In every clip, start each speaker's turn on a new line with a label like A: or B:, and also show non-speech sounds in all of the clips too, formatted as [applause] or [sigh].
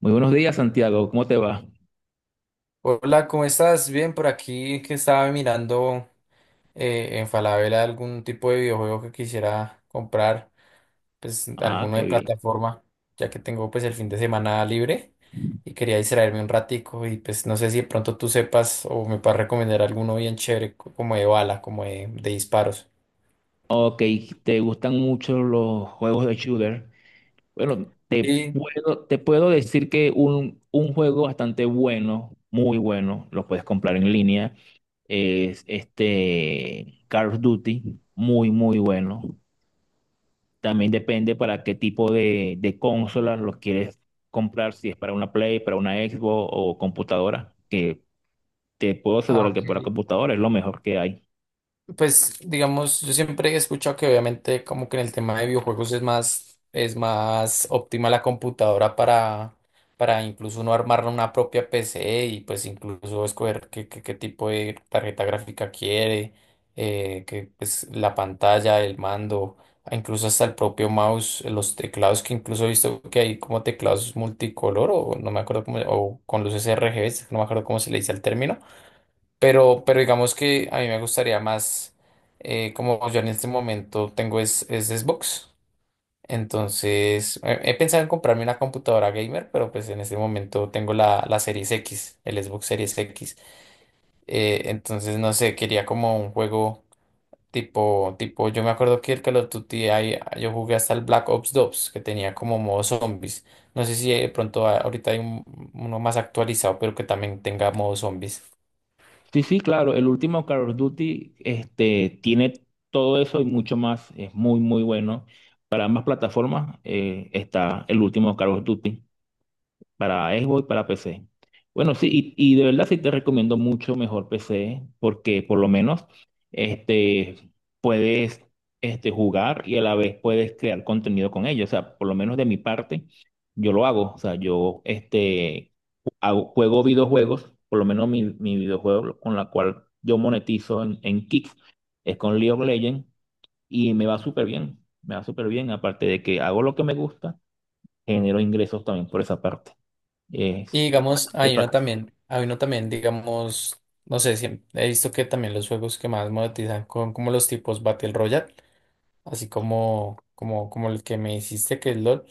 A: Muy buenos días, Santiago. ¿Cómo te va?
B: Hola, ¿cómo estás? Bien, por aquí que estaba mirando en Falabella algún tipo de videojuego que quisiera comprar, pues
A: Ah,
B: alguno
A: qué
B: de
A: bien.
B: plataforma, ya que tengo pues el fin de semana libre y quería distraerme un ratico y pues no sé si de pronto tú sepas o me puedas recomendar alguno bien chévere como de bala, como de disparos.
A: Ok, te gustan mucho los juegos de shooter. Bueno, te
B: Sí,
A: puedo, te puedo decir que un juego bastante bueno, muy bueno, lo puedes comprar en línea, es este Call of Duty, muy, muy bueno. También depende para qué tipo de consola lo quieres comprar, si es para una Play, para una Xbox o computadora, que te puedo
B: ah,
A: asegurar que
B: ok.
A: para computadora es lo mejor que hay.
B: Pues digamos, yo siempre he escuchado que obviamente como que en el tema de videojuegos es más óptima la computadora para incluso uno armar una propia PC y pues incluso escoger qué tipo de tarjeta gráfica quiere, que pues la pantalla, el mando, incluso hasta el propio mouse, los teclados que incluso he visto que hay como teclados multicolor o no me acuerdo cómo, o con luces RGB, no me acuerdo cómo se le dice al término pero digamos que a mí me gustaría más, como yo en este momento tengo es Xbox, entonces he pensado en comprarme una computadora gamer, pero pues en este momento tengo la Series X, el Xbox Series X, entonces no sé, quería como un juego tipo, yo me acuerdo que el Call of Duty, ahí, yo jugué hasta el Black Ops 2, que tenía como modo zombies, no sé si de pronto ahorita hay uno más actualizado, pero que también tenga modo zombies.
A: Sí, sí, claro. El último Call of Duty este, tiene todo eso y mucho más. Es muy, muy bueno. Para ambas plataformas está el último Call of Duty para Xbox, para PC. Bueno, sí, y de verdad sí te recomiendo mucho mejor PC porque por lo menos este, puedes jugar y a la vez puedes crear contenido con ello. O sea, por lo menos de mi parte, yo lo hago. O sea, yo juego videojuegos, por lo menos mi videojuego con la cual yo monetizo en Kick es con League of Legends y me va súper bien. Me va súper bien, aparte de que hago lo que me gusta, genero ingresos también por esa parte.
B: Y
A: Es
B: digamos, hay uno también, digamos, no sé, si he visto que también los juegos que más monetizan con como los tipos Battle Royale, así como, como el que me hiciste que es LOL.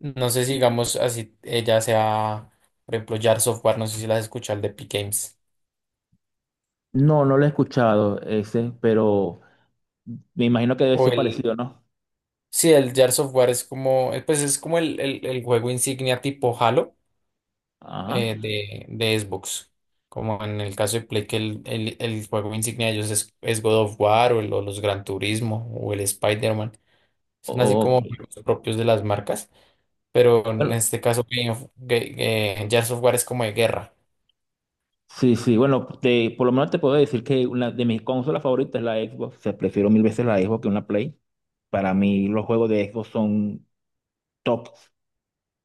B: No sé si digamos así ella sea, por ejemplo, Jar Software, no sé si las escuchas, el de Epic Games.
A: No, no lo he escuchado ese, pero me imagino que debe
B: O
A: ser
B: el,
A: parecido, ¿no?
B: sí, el Jar Software es como, pues es como el juego insignia tipo Halo,
A: Ajá.
B: de Xbox. Como en el caso de Play, que el juego insignia de ellos es God of War o los Gran Turismo o el Spider-Man. Son así
A: Ok.
B: como juegos propios de las marcas, pero en
A: Bueno,
B: este caso Gears of War es como de guerra.
A: sí, sí, bueno, por lo menos te puedo decir que una de mis consolas favoritas es la Xbox. O sea, prefiero mil veces la Xbox que una Play. Para mí los juegos de Xbox son top.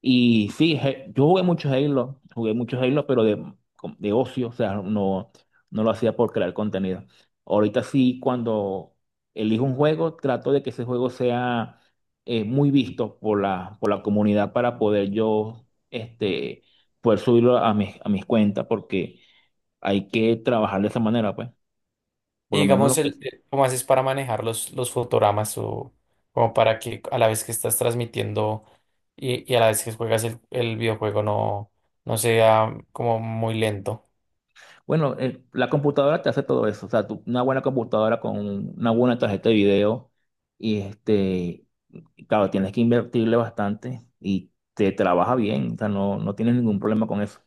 A: Y sí, yo jugué mucho Halo, pero de ocio, o sea, no, no lo hacía por crear contenido. Ahorita sí, cuando elijo un juego, trato de que ese juego sea muy visto por la comunidad para poder yo poder subirlo a mis cuentas, porque hay que trabajar de esa manera, pues. Por
B: Y
A: lo menos lo
B: digamos,
A: que
B: ¿cómo haces para manejar los fotogramas o como para que a la vez que estás transmitiendo y a la vez que juegas el videojuego no sea como muy lento?
A: Bueno, la computadora te hace todo eso. O sea, una buena computadora con una buena tarjeta de video. Y claro, tienes que invertirle bastante y te trabaja bien. O sea, no, no tienes ningún problema con eso.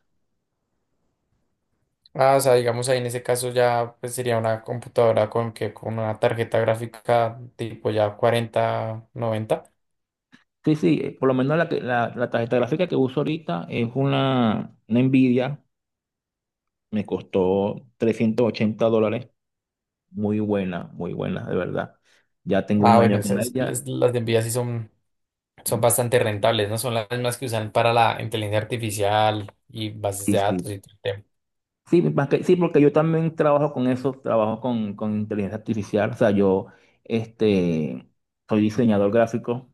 B: Ah, o sea, digamos ahí en ese caso ya pues, sería una computadora con que con una tarjeta gráfica tipo ya 4090.
A: Sí, sí, por lo menos la tarjeta gráfica que uso ahorita es una Nvidia. Me costó $380. Muy buena, de verdad. Ya tengo
B: Ah,
A: un
B: bueno,
A: año con
B: esas,
A: ella.
B: las de Nvidia sí son, son bastante rentables, ¿no? Son las mismas que usan para la inteligencia artificial y bases
A: Sí,
B: de datos
A: sí.
B: y todo el tema.
A: Sí, sí, porque yo también trabajo con eso, trabajo con inteligencia artificial. O sea, yo este, soy diseñador gráfico,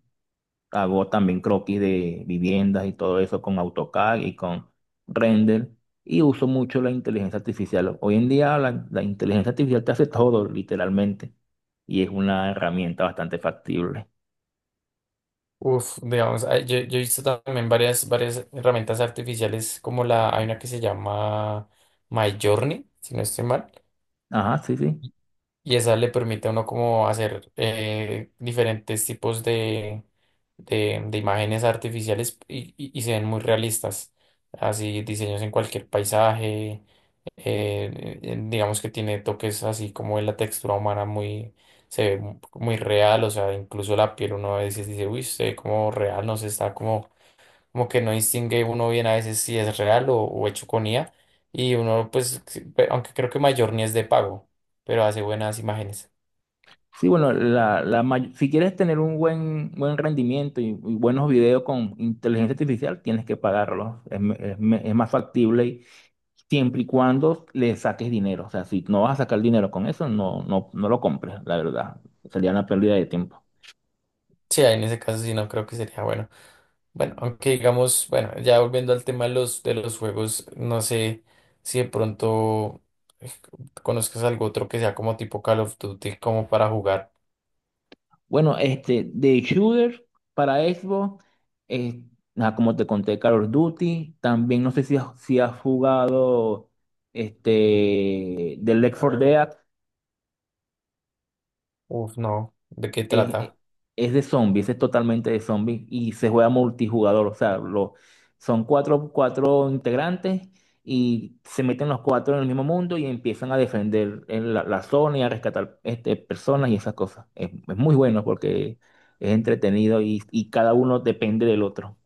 A: hago también croquis de viviendas y todo eso con AutoCAD y con Render y uso mucho la inteligencia artificial. Hoy en día la inteligencia artificial te hace todo, literalmente, y es una herramienta bastante factible.
B: Uf, digamos, ah, yo he visto también varias, varias herramientas artificiales como la, hay una que se llama Midjourney, si no estoy mal.
A: Ajá, sí, sí.
B: Y esa le permite a uno como hacer diferentes tipos de imágenes artificiales y se ven muy realistas. Así diseños en cualquier paisaje, digamos que tiene toques así como en la textura humana muy, se ve muy real, o sea, incluso la piel uno a veces dice, uy, se ve como real, no se está como como que no distingue uno bien a veces si es real o hecho con IA, y uno pues, sí, pe- aunque creo que mayor ni es de pago, pero hace buenas imágenes.
A: Sí, bueno, si quieres tener un buen, buen rendimiento y buenos videos con inteligencia artificial, tienes que pagarlos. Es más factible siempre y cuando le saques dinero. O sea, si no vas a sacar dinero con eso, no, no, no lo compres, la verdad. Sería una pérdida de tiempo.
B: Sí, ahí en ese caso sí no creo que sería bueno. Bueno, aunque digamos, bueno, ya volviendo al tema de los juegos, no sé si de pronto eh, conozcas algo otro que sea como tipo Call of Duty, como para jugar.
A: Bueno, este, de shooter para Xbox, eh, nada, como te conté, Call of Duty. También no sé si has jugado este, The Left 4 Dead.
B: Uf, no, ¿de qué
A: Es,
B: trata?
A: eh, de zombies, es totalmente de zombies y se juega multijugador. O sea, son cuatro integrantes y se meten los cuatro en el mismo mundo y empiezan a defender en la zona y a rescatar este, personas y esas cosas. Es muy bueno porque es entretenido y cada uno depende del otro.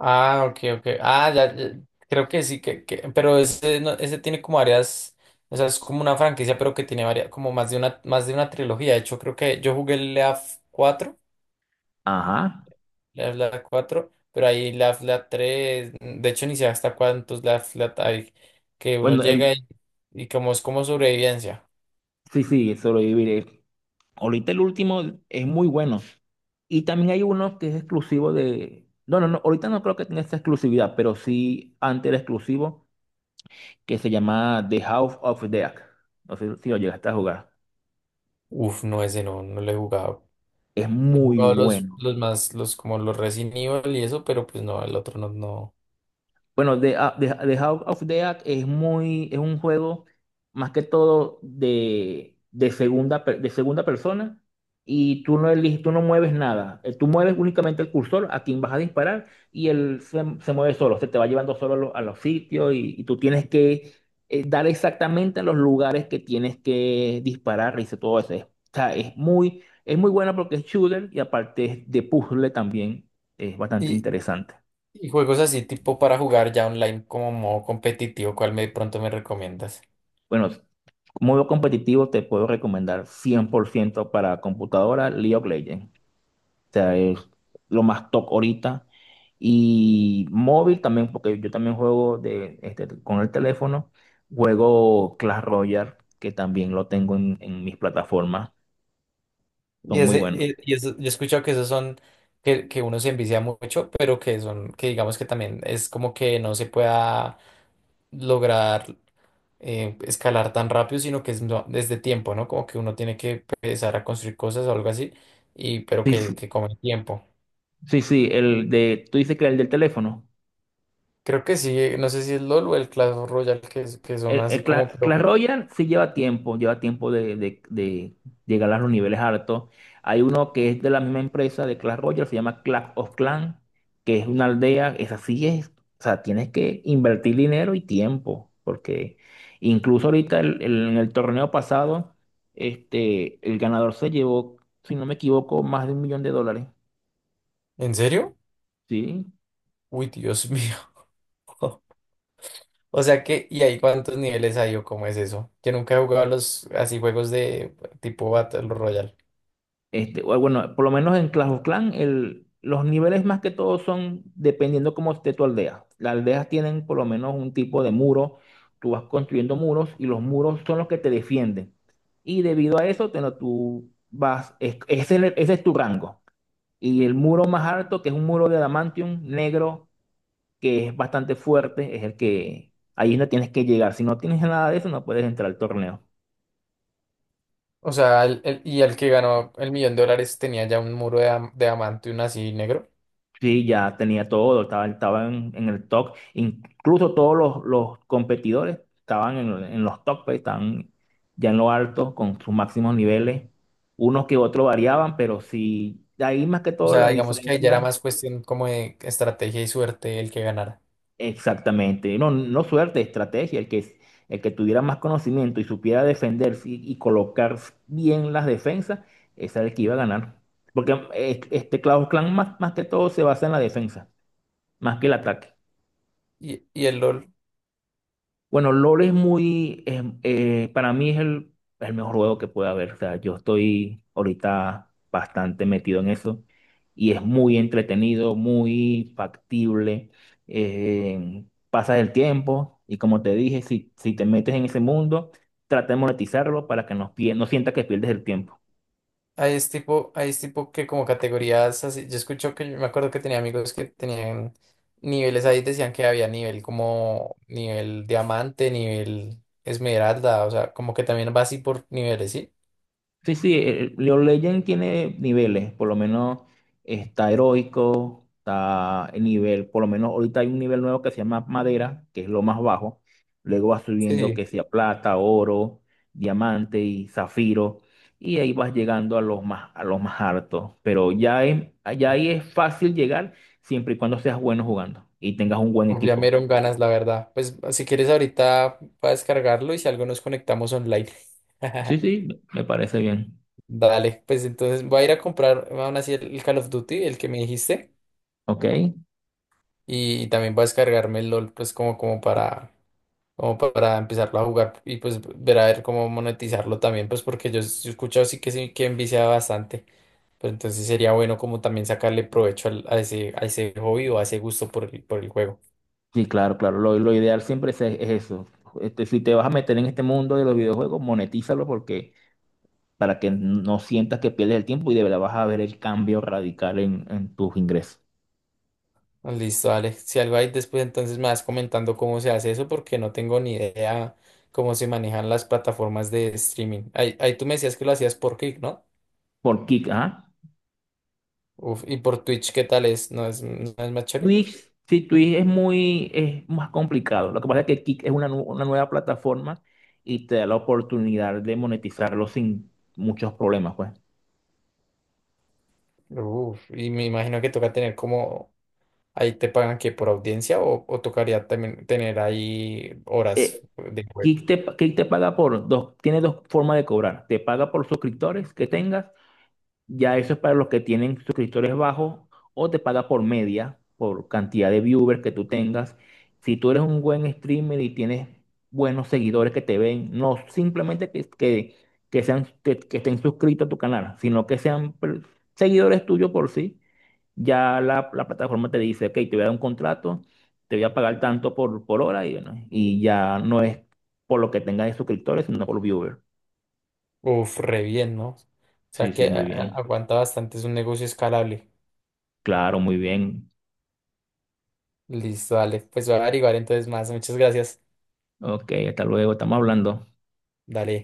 B: Ah, ok, ok. Ah, ya, ya, creo que sí, pero ese, ese tiene como varias, o sea, es como una franquicia, pero que tiene varias, como más de una trilogía. De hecho, creo que yo jugué el Leaf 4,
A: Ajá.
B: Leaf Leaf 4, pero ahí Leaf Leaf 3, de hecho, ni sé hasta cuántos Leaf Leaf hay, que uno
A: Bueno,
B: llega
A: el,
B: y como es como sobrevivencia.
A: sí, sí, sobrevivir. Ahorita el último es muy bueno. Y también hay uno que es exclusivo de. No, no, no. Ahorita no creo que tenga esa exclusividad, pero sí antes era exclusivo, que se llama The House of Dead. No sé si lo llegaste a jugar.
B: Uf, no, ese no, no lo he jugado.
A: Es
B: He
A: muy
B: jugado
A: bueno.
B: los más, los como los Resident Evil y eso, pero pues no, el otro no, no.
A: Bueno, The House of the Dead es muy, es un juego más que todo de segunda persona y tú no eliges, tú no mueves nada. Tú mueves únicamente el cursor a quien vas a disparar y él se mueve solo, se te va llevando solo a los sitios y tú tienes que dar exactamente a los lugares que tienes que disparar y todo eso. O sea, es muy buena porque es shooter y aparte es de puzzle también, es bastante interesante.
B: Y juegos así tipo para jugar ya online como modo competitivo, ¿cuál me pronto me recomiendas?
A: Bueno, modo competitivo te puedo recomendar 100% para computadora League of Legends. O sea, es lo más top ahorita. Y móvil también, porque yo también juego de, este, con el teléfono. Juego Clash Royale, que también lo tengo en mis plataformas.
B: Y
A: Son muy
B: ese,
A: buenos.
B: y eso, yo he escuchado que esos son, que uno se envicia mucho, pero que son, que digamos que también es como que no se pueda lograr escalar tan rápido, sino que es desde tiempo, ¿no? Como que uno tiene que empezar a construir cosas o algo así, y pero
A: Sí, sí,
B: que come tiempo.
A: sí, sí, el de, tú dices que el del teléfono.
B: Creo que sí, no sé si es LOL o el Clash Royale, que son así como, pero,
A: Clash Royale sí lleva tiempo de llegar a los niveles altos. Hay uno que es de la misma empresa de Clash Royale, se llama Clash of Clans, que es una aldea, esa sí es, o sea, tienes que invertir dinero y tiempo, porque incluso ahorita en el torneo pasado, este, el ganador se llevó, si no me equivoco, más de $1.000.000,
B: ¿en serio?
A: ¿sí?
B: Uy, Dios [laughs] mío. O sea que, ¿y ahí cuántos niveles hay o cómo es eso? Yo nunca he jugado los así juegos de tipo Battle Royale.
A: Este, o bueno, por lo menos en Clash of Clans, el, los niveles más que todo son dependiendo cómo esté tu aldea. Las aldeas tienen por lo menos un tipo de muro. Tú vas construyendo muros y los muros son los que te defienden. Y debido a eso, tú vas, ese es tu rango. Y el muro más alto, que es un muro de adamantium negro, que es bastante fuerte, es el que ahí no tienes que llegar. Si no tienes nada de eso, no puedes entrar al torneo.
B: O sea, y el que ganó el millón de dólares tenía ya un muro de diamante y un así negro.
A: Sí, ya tenía todo, estaba, estaba en el top. Incluso todos los competidores estaban en los top, pues, estaban ya en lo alto con sus máximos niveles. Unos que otros variaban, pero sí, ahí más que
B: O
A: todo la
B: sea, digamos que ahí ya era
A: diferencia,
B: más cuestión como de estrategia y suerte el que ganara.
A: exactamente. No, no suerte, estrategia. El que tuviera más conocimiento y supiera defenderse y colocar bien las defensas, ese era el que iba a ganar. Porque este Clash of Clans más que todo se basa en la defensa, más que el ataque.
B: Y el LOL.
A: Bueno, LOL es muy, para mí es el mejor juego que puede haber. O sea, yo estoy ahorita bastante metido en eso y es muy entretenido, muy factible. Pasas el tiempo y como te dije, si, si te metes en ese mundo, trata de monetizarlo para que no, no sientas que pierdes el tiempo.
B: Ahí es tipo que como categorías así. Yo escucho que yo me acuerdo que tenía amigos que tenían niveles ahí, decían que había nivel como nivel diamante, nivel esmeralda, o sea, como que también va así por niveles, ¿sí?
A: Sí, sí, League of Legends tiene niveles, por lo menos está heroico, está el nivel, por lo menos ahorita hay un nivel nuevo que se llama madera, que es lo más bajo, luego va subiendo que
B: Sí.
A: sea plata, oro, diamante y zafiro, y ahí vas llegando a los más altos, pero ya, ya ahí es fácil llegar siempre y cuando seas bueno jugando y tengas un buen
B: Uf, ya me
A: equipo.
B: dieron ganas, la verdad. Pues si quieres ahorita para descargarlo y si algo nos conectamos online. [laughs]
A: Sí, sí, me parece bien.
B: Dale, pues entonces voy a ir a comprar aún así el Call of Duty, el que me dijiste,
A: Ok.
B: y también voy a descargarme el LOL, pues como, como para como para empezarlo a jugar y pues ver a ver cómo monetizarlo también, pues porque yo, yo he escuchado sí que envicia bastante, pero entonces sería bueno como también sacarle provecho a ese hobby o a ese gusto por el juego.
A: Sí, claro, claro. Lo ideal siempre es eso. Este, si te vas a meter en este mundo de los videojuegos, monetízalo porque para que no sientas que pierdes el tiempo y de verdad vas a ver el cambio radical en tus ingresos.
B: Ah, listo, Alex. Si algo hay después, entonces me vas comentando cómo se hace eso, porque no tengo ni idea cómo se manejan las plataformas de streaming. Ahí, ahí tú me decías que lo hacías por Kick, ¿no?
A: Por Kick, ¿ah?
B: Uf, y por Twitch, ¿qué tal es? ¿No es, no es más chévere?
A: Twitch, sí, Twitch es muy, es más complicado. Lo que pasa es que Kick es una nueva plataforma y te da la oportunidad de monetizarlo sin muchos problemas, pues.
B: Uf, y me imagino que toca tener como ahí te pagan que por audiencia o tocaría también tener ahí horas
A: Eh,
B: de juego.
A: Kick te paga por dos, tiene dos formas de cobrar. Te paga por suscriptores que tengas. Ya eso es para los que tienen suscriptores bajos o te paga por media, por cantidad de viewers que tú tengas. Si tú eres un buen streamer y tienes buenos seguidores que te ven, no simplemente que estén suscritos a tu canal, sino que sean seguidores tuyos por sí, ya la plataforma te dice, ok, te voy a dar un contrato, te voy a pagar tanto por hora y, bueno, y ya no es por lo que tengas de suscriptores, sino por viewers.
B: Uf, re bien, ¿no? O
A: Sí,
B: sea
A: sí,
B: que
A: muy Ok. bien.
B: aguanta bastante, es un negocio escalable.
A: Claro, muy bien.
B: Listo, dale. Pues voy a averiguar entonces más. Muchas gracias.
A: Ok, hasta luego, estamos hablando.
B: Dale.